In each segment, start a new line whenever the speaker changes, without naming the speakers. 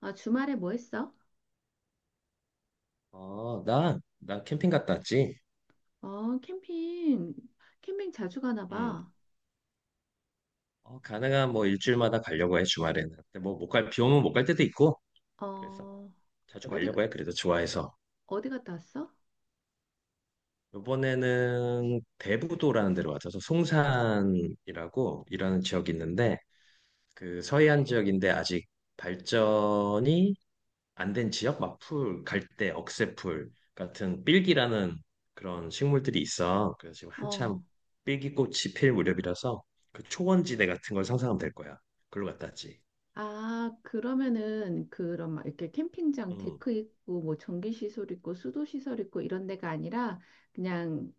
아, 주말에 뭐 했어?
어, 나 캠핑 갔다 왔지.
어, 캠핑, 캠핑 자주 가나
음.
봐.
어, 가능한 뭐 일주일마다 가려고 해, 주말에는. 근데 뭐 못 갈, 비 오면 못 갈 때도 있고. 그래서
어,
자주
어디,
가려고 해, 그래도 좋아해서.
어디 갔다 왔어?
이번에는 대부도라는 데로 와서 송산이라고 일하는 지역이 있는데, 그 서해안 지역인데 아직 발전이 안된 지역 막 풀, 갈대, 억새풀 같은 삘기라는 그런 식물들이 있어. 그래서 지금 한참
어,
삘기꽃이 필 무렵이라서 그 초원지대 같은 걸 상상하면 될 거야. 글로 갔다 왔지.
아, 그러면은, 그런, 막 이렇게 캠핑장
음,
데크 있고, 뭐, 전기시설 있고, 수도시설 있고, 이런 데가 아니라, 그냥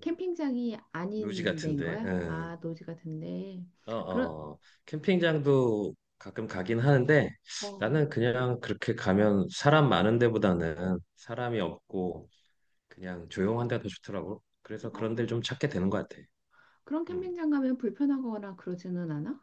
음.
캠핑장이
묘지
아닌 데인
같은데.
거야?
음.
아, 노지 같은데.
어,
그런,
어. 어. 캠핑장도 가끔 가긴 하는데
어,
나는 그냥 그렇게 가면 사람 많은 데보다는 사람이 없고 그냥 조용한 데가 더 좋더라고. 그래서
어,
그런 데를 좀 찾게 되는 것 같아.
그런
음.
캠핑장 가면 불편하거나 그러지는 않아?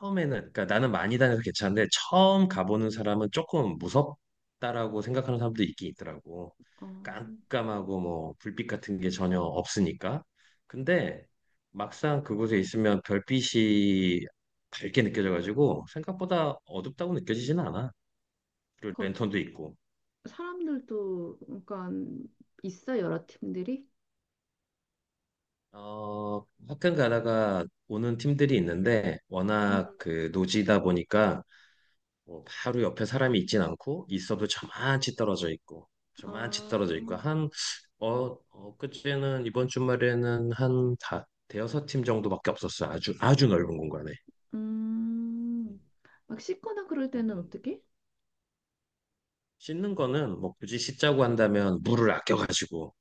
처음에는 그러니까 나는 많이 다녀서 괜찮은데 처음 가보는 사람은 조금 무섭다라고 생각하는 사람도 있긴 있더라고.
어,
깜깜하고 뭐 불빛 같은 게 전혀 없으니까. 근데 막상 그곳에 있으면 별빛이 밝게 느껴져가지고 생각보다 어둡다고 느껴지지는 않아. 그리고
거-
랜턴도 있고.
사람들도 그러니까 있어 여러 팀들이?
어, 학교 가다가 오는 팀들이 있는데
음.
워낙 그 노지다 보니까 뭐 바로 옆에 사람이 있진 않고 있어도 저만치 떨어져 있고 저만치
아,
떨어져 있고 한 어, 엊그제는 이번 주말에는 대여섯 팀 정도밖에 없었어요. 아주 아주 넓은 공간에. 음,
음. 막 씻거나 그럴
음,
때는
음.
어떻게?
씻는 거는 뭐 굳이 씻자고 한다면 물을 아껴가지고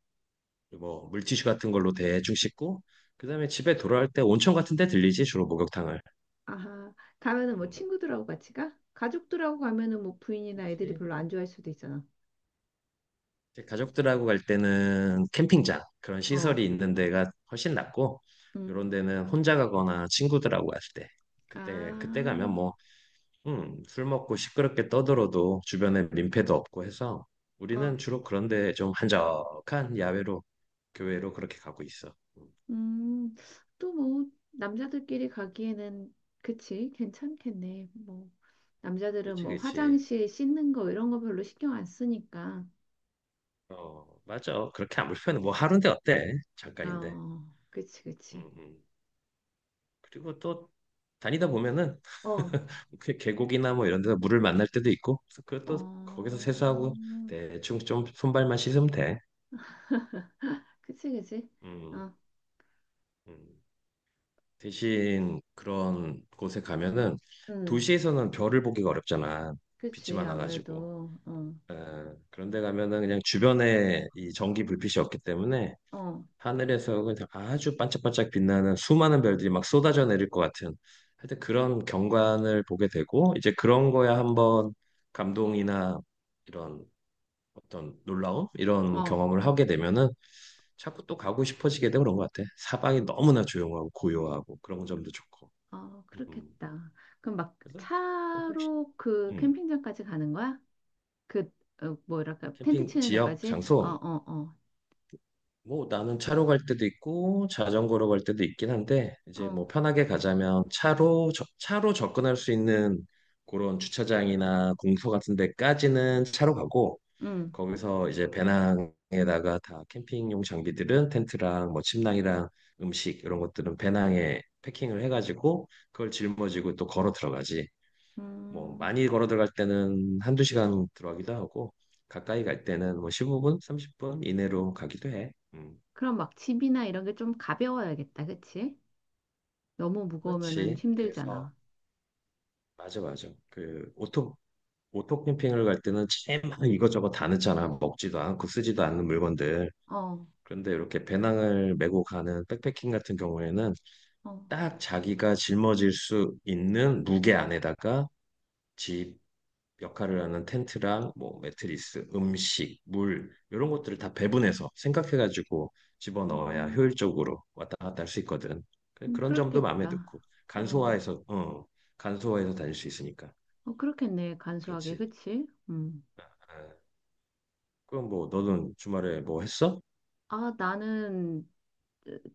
뭐 물티슈 같은 걸로 대충 씻고 그다음에 집에 돌아올 때 온천 같은 데 들리지 주로 목욕탕을.
아하, 가면은 뭐
음.
친구들하고 같이 가? 가족들하고 가면은 뭐 부인이나 애들이
그치?
별로 안 좋아할 수도 있잖아.
제 가족들하고 갈 때는 캠핑장 그런
어,
시설이 있는 데가 훨씬 낫고
음.
이런 데는 혼자 가거나 친구들하고 갈 때
아,
그때 그때 가면 뭐 술 먹고 시끄럽게 떠들어도 주변에 민폐도 없고 해서
어,
우리는 주로 그런 데 좀 한적한 야외로 교외로 그렇게 가고 있어.
음. 또 뭐 남자들끼리 가기에는 그치, 괜찮겠네. 뭐 남자들은
그치
뭐
그치.
화장실 씻는 거 이런 거 별로 신경 안 쓰니까.
어 맞아. 그렇게 안 불편해. 뭐 하루인데 어때? 잠깐인데.
어, 그치,
음,
그치.
음. 그리고 또 다니다 보면은
어,
그 계곡이나 뭐 이런 데서 물을 만날 때도 있고 그래서 그것도 거기서 세수하고
어,
대충 좀 손발만 씻으면 돼.
그치, 그치.
음,
어,
음. 대신 그런 곳에 가면은
음,
도시에서는 별을 보기가 어렵잖아. 빛이
그치.
많아가지고.
아무래도, 어,
어, 그런데 가면은 그냥 주변에 이 전기 불빛이 없기 때문에
어,
하늘에서 그냥 아주 반짝반짝 빛나는 수많은 별들이 막 쏟아져 내릴 것 같은 하여튼 그런 경관을 보게 되고 이제 그런 거야 한번 감동이나 이런 어떤 놀라움 이런
어,
경험을 하게 되면은 자꾸 또 가고 싶어지게 되고 그런 것 같아. 사방이 너무나 조용하고 고요하고 그런 점도 좋고.
어,
음.
그렇겠다. 그럼 막
그래서 또 혹시
차로 그
음,
캠핑장까지 가는 거야? 그, 어, 뭐랄까, 텐트
캠핑
치는
지역
데까지? 어,
장소
어,
뭐 나는 차로 갈 때도 있고 자전거로 갈 때도 있긴 한데
어,
이제
어,
뭐 편하게 가자면 차로 접근할 수 있는 그런 주차장이나 공소 같은 데까지는 차로 가고
음,
거기서 이제 배낭에다가 다 캠핑용 장비들은 텐트랑 뭐 침낭이랑 음식 이런 것들은 배낭에 패킹을 해가지고 그걸 짊어지고 또 걸어 들어가지. 뭐
음.
많이 걸어 들어갈 때는 한두 시간 들어가기도 하고 가까이 갈 때는 뭐 15분, 30분 이내로 가기도 해.
그럼 막 집이나 이런 게 좀 가벼워야겠다, 그치? 너무 무거우면은
그렇지.
힘들잖아.
그래서 맞아 맞아. 그 오토 캠핑을 갈 때는 제막 이것저것 다 넣잖아. 먹지도 않고 쓰지도 않는 물건들.
어,
그런데 이렇게 배낭을 메고 가는 백패킹 같은 경우에는
어,
딱 자기가 짊어질 수 있는 무게 안에다가 집 역할을 하는 텐트랑 뭐 매트리스, 음식, 물 이런 것들을 다 배분해서 생각해가지고 집어넣어야
음.
효율적으로 왔다 갔다 할 수 있거든. 그런 점도 마음에
그렇겠다.
넣고
어,
간소화해서 어 간소화해서 다닐 수 있으니까
어, 그렇겠네. 간소하게,
그렇지.
그치? 음.
아, 그럼 뭐 너는 주말에 뭐 했어?
아, 나는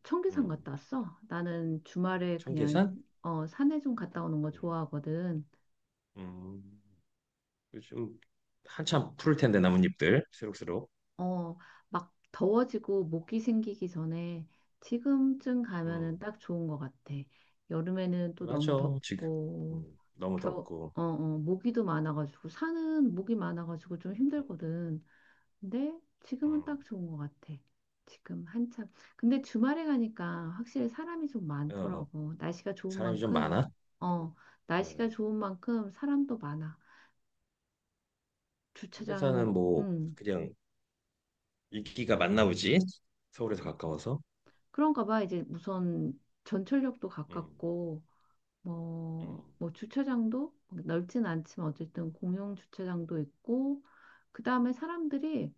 청계산
음,
갔다 왔어. 나는 주말에 그냥
청계산?
어, 산에 좀 갔다 오는 거
음,
좋아하거든.
음, 요즘 한참 푸를 텐데 나뭇잎들 새록새록.
어, 막 더워지고 모기 생기기 전에 지금쯤
음.
가면은 딱 좋은 것 같아. 여름에는 또
맞아
너무
지금
덥고,
너무
겨,
덥고
어, 어, 모기도 많아가지고, 산은 모기 많아가지고 좀
음,
힘들거든. 근데 지금은
음,
딱 좋은 것 같아. 지금 한참. 근데 주말에 가니까 확실히 사람이 좀
어, 어.
많더라고. 날씨가 좋은
사람이 좀
만큼,
많아
어, 날씨가
음.
좋은 만큼 사람도 많아. 주차장,
청계산은 뭐
음,
그냥 인기가 많나 보지 서울에서 가까워서
그런가 봐. 이제 우선 전철역도
음,
가깝고, 뭐,
음,
뭐 주차장도 넓진 않지만 어쨌든 공용 주차장도 있고, 그 다음에 사람들이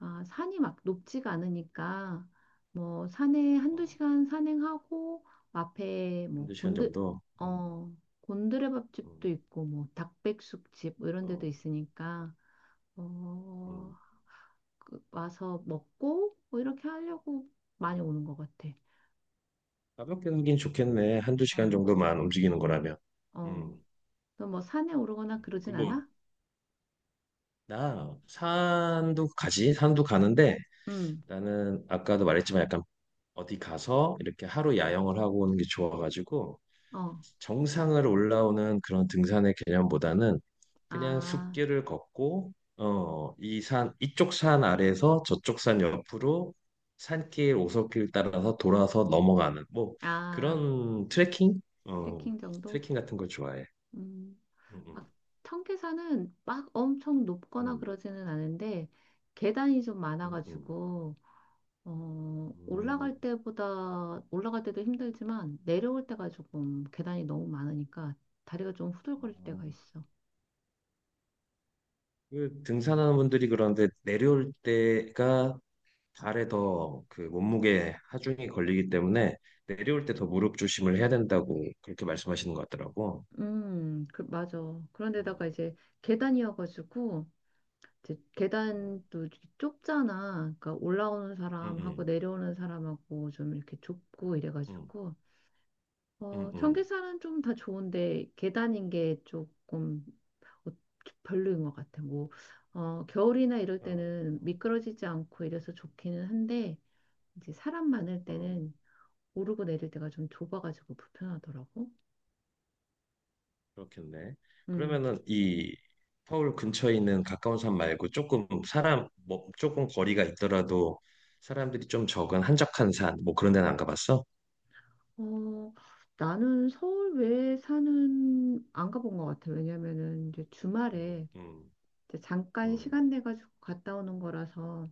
아, 산이 막 높지가 않으니까 뭐 산에 한두
어,
시간 산행하고 앞에 뭐
한두 시간
곤드
정도
어 곤드레밥집도
음,
있고 뭐 닭백숙집 뭐 이런 데도
어,
있으니까 어
음,
와서 먹고 뭐 이렇게 하려고
음.
많이 오는 것 같아.
가볍게 가긴 좋겠네 한 두
어,
시간 정도만 움직이는 거라면
어.
음.
너 뭐 산에 오르거나 그러진
그뭐
않아?
나 산도 가지 산도 가는데
응.
나는 아까도 말했지만 약간 어디 가서 이렇게 하루 야영을 하고 오는 게 좋아가지고
어.
정상을 올라오는 그런 등산의 개념보다는 그냥
아,
숲길을 걷고 어, 이쪽 산 아래에서 저쪽 산 옆으로 산길, 오솔길 따라서 돌아서 넘어가는 뭐
아,
그런 트레킹? 어,
트레킹 정도?
트레킹 같은 걸 좋아해.
음.
음,
막 청계산은 막 엄청 높거나
음,
그러지는 않은데 계단이 좀
음, 음,
많아가지고 어,
음.
올라갈 때보다 올라갈 때도 힘들지만 내려올 때가 조금 계단이 너무 많으니까 다리가 좀 후들거릴 때가
음.
있어.
그 등산하는 분들이 그런데 내려올 때가 발에 더 그 몸무게 하중이 걸리기 때문에 내려올 때 더 무릎 조심을 해야 된다고 그렇게 말씀하시는 것 같더라고.
그, 맞아. 그런데다가
음,
이제 계단이어가지고 이제
음,
계단도 이렇게 좁잖아. 그러니까 올라오는 사람하고
음,
내려오는 사람하고 좀 이렇게 좁고
음,
이래가지고
음,
어,
음.
전기차는 좀 다 좋은데 계단인 게 조금 어, 별로인 것 같아. 뭐 어, 겨울이나 이럴
어,
때는 미끄러지지 않고 이래서 좋기는 한데 이제 사람 많을
어,
때는 오르고 내릴 때가 좀 좁아가지고 불편하더라고.
그렇겠네.
음.
그러면은 이 서울 근처에 있는 가까운 산 말고 조금 사람 뭐 조금 거리가 있더라도 사람들이 좀 적은 한적한 산 뭐 그런 데는 안 가봤어?
어, 나는 서울 외에 사는 안 가본 것 같아. 왜냐면은 이제
음,
주말에
음,
이제 잠깐
음,
시간 내 가지고 갔다 오는 거라서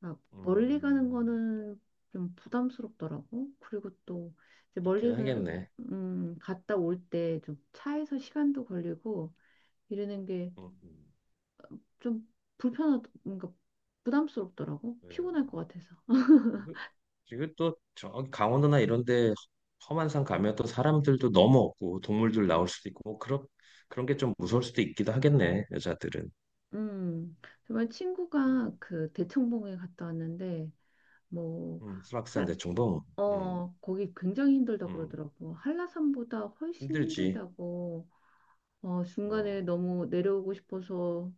아, 멀리 가는
음,
거는 좀 부담스럽더라고. 그리고 또 이제
그렇긴 하겠네.
갔다 올 때 좀 차에서 시간도 걸리고 이러는 게
음, 음.
좀 뭔가 부담스럽더라고.
음.
피곤할 것 같아서.
그리또저 강원도나 이런 데 험한 산 가면 또 사람들도 너무 없고 동물들 나올 수도 있고 뭐 그런 그런 게 좀 무서울 수도 있기도 하겠네 여자들은
음, 정말
음,
친구가 그 대청봉에 갔다 왔는데 뭐
수락산
할,
대청봉 음,
어, 거기 굉장히 한라산보다 힘들다
음,
그러더라고. 한라산보다 훨씬
힘들지
힘들다고. 어, 중간에
어
너무 내려오고 싶어서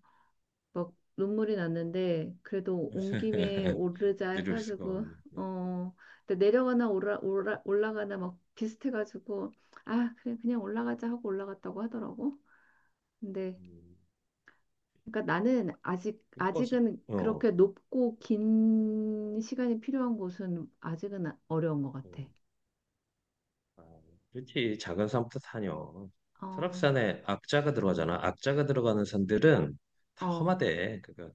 막 눈물이 났는데 그래도 온 김에 오르자
내려올 수가
해가지고
없네 네.
어 근데 내려가나 올라가나 막 비슷해가지고 아 그래 그냥 올라가자 하고 올라갔다고 하더라고. 근데
음,
그러니까 나는 아직
버스
아직은
어
그렇게 높고 긴 시간이 필요한 곳은 아직은 어려운 것 같아.
음. 아, 그렇지 작은 산부터 다녀
어,
설악산에 악자가 들어가잖아 악자가 들어가는 산들은 다
어.
험하대 그러니까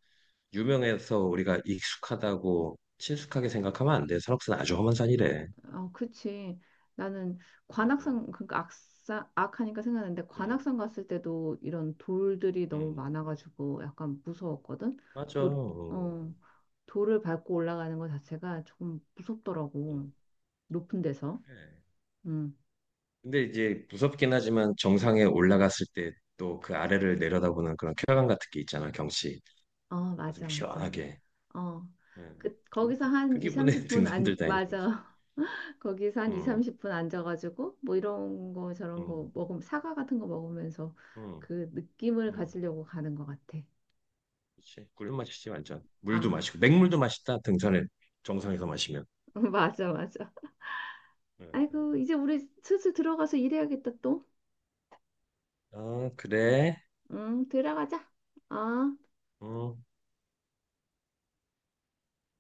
유명해서 우리가 익숙하다고 친숙하게 생각하면 안 돼. 설악산 아주 험한 산이래.
어, 그치. 나는
응, 응,
관악산, 그러니까 악사, 악하니까 생각났는데
응,
관악산 갔을 때도 이런 돌들이 너무
응.
많아가지고 약간 무서웠거든.
맞아.
돌, 어,
응,
돌을 밟고 올라가는 것 자체가 조금
응.
무섭더라고. 높은 데서.
그래.
음.
근데 이제 무섭긴 하지만 정상에 올라갔을 때 또 그 아래를 내려다보는 그런 쾌감 같은 게 있잖아, 경치.
어,
아주
맞아, 맞아.
시원하게.
어.
응.
그,
뭐
거기서
그
한 2,
기분에
30분
등산들
안,
다니는 거지.
맞아. 거기서 한 이
응,
삼십 분 앉아가지고 뭐 이런 거 저런
응,
거 먹으면 사과 같은 거 먹으면서
응,
그 느낌을
응.
가지려고 가는 것 같아.
그치. 꿀 맛이지, 완전. 물도
아.
마시고. 맹물도 맛있다, 등산에. 정상에서 마시면.
맞아, 맞아.
응, 응.
아이고, 이제 우리 슬슬 들어가서 일해야겠다, 또.
아, 그래.
응, 들어가자. 어.
응.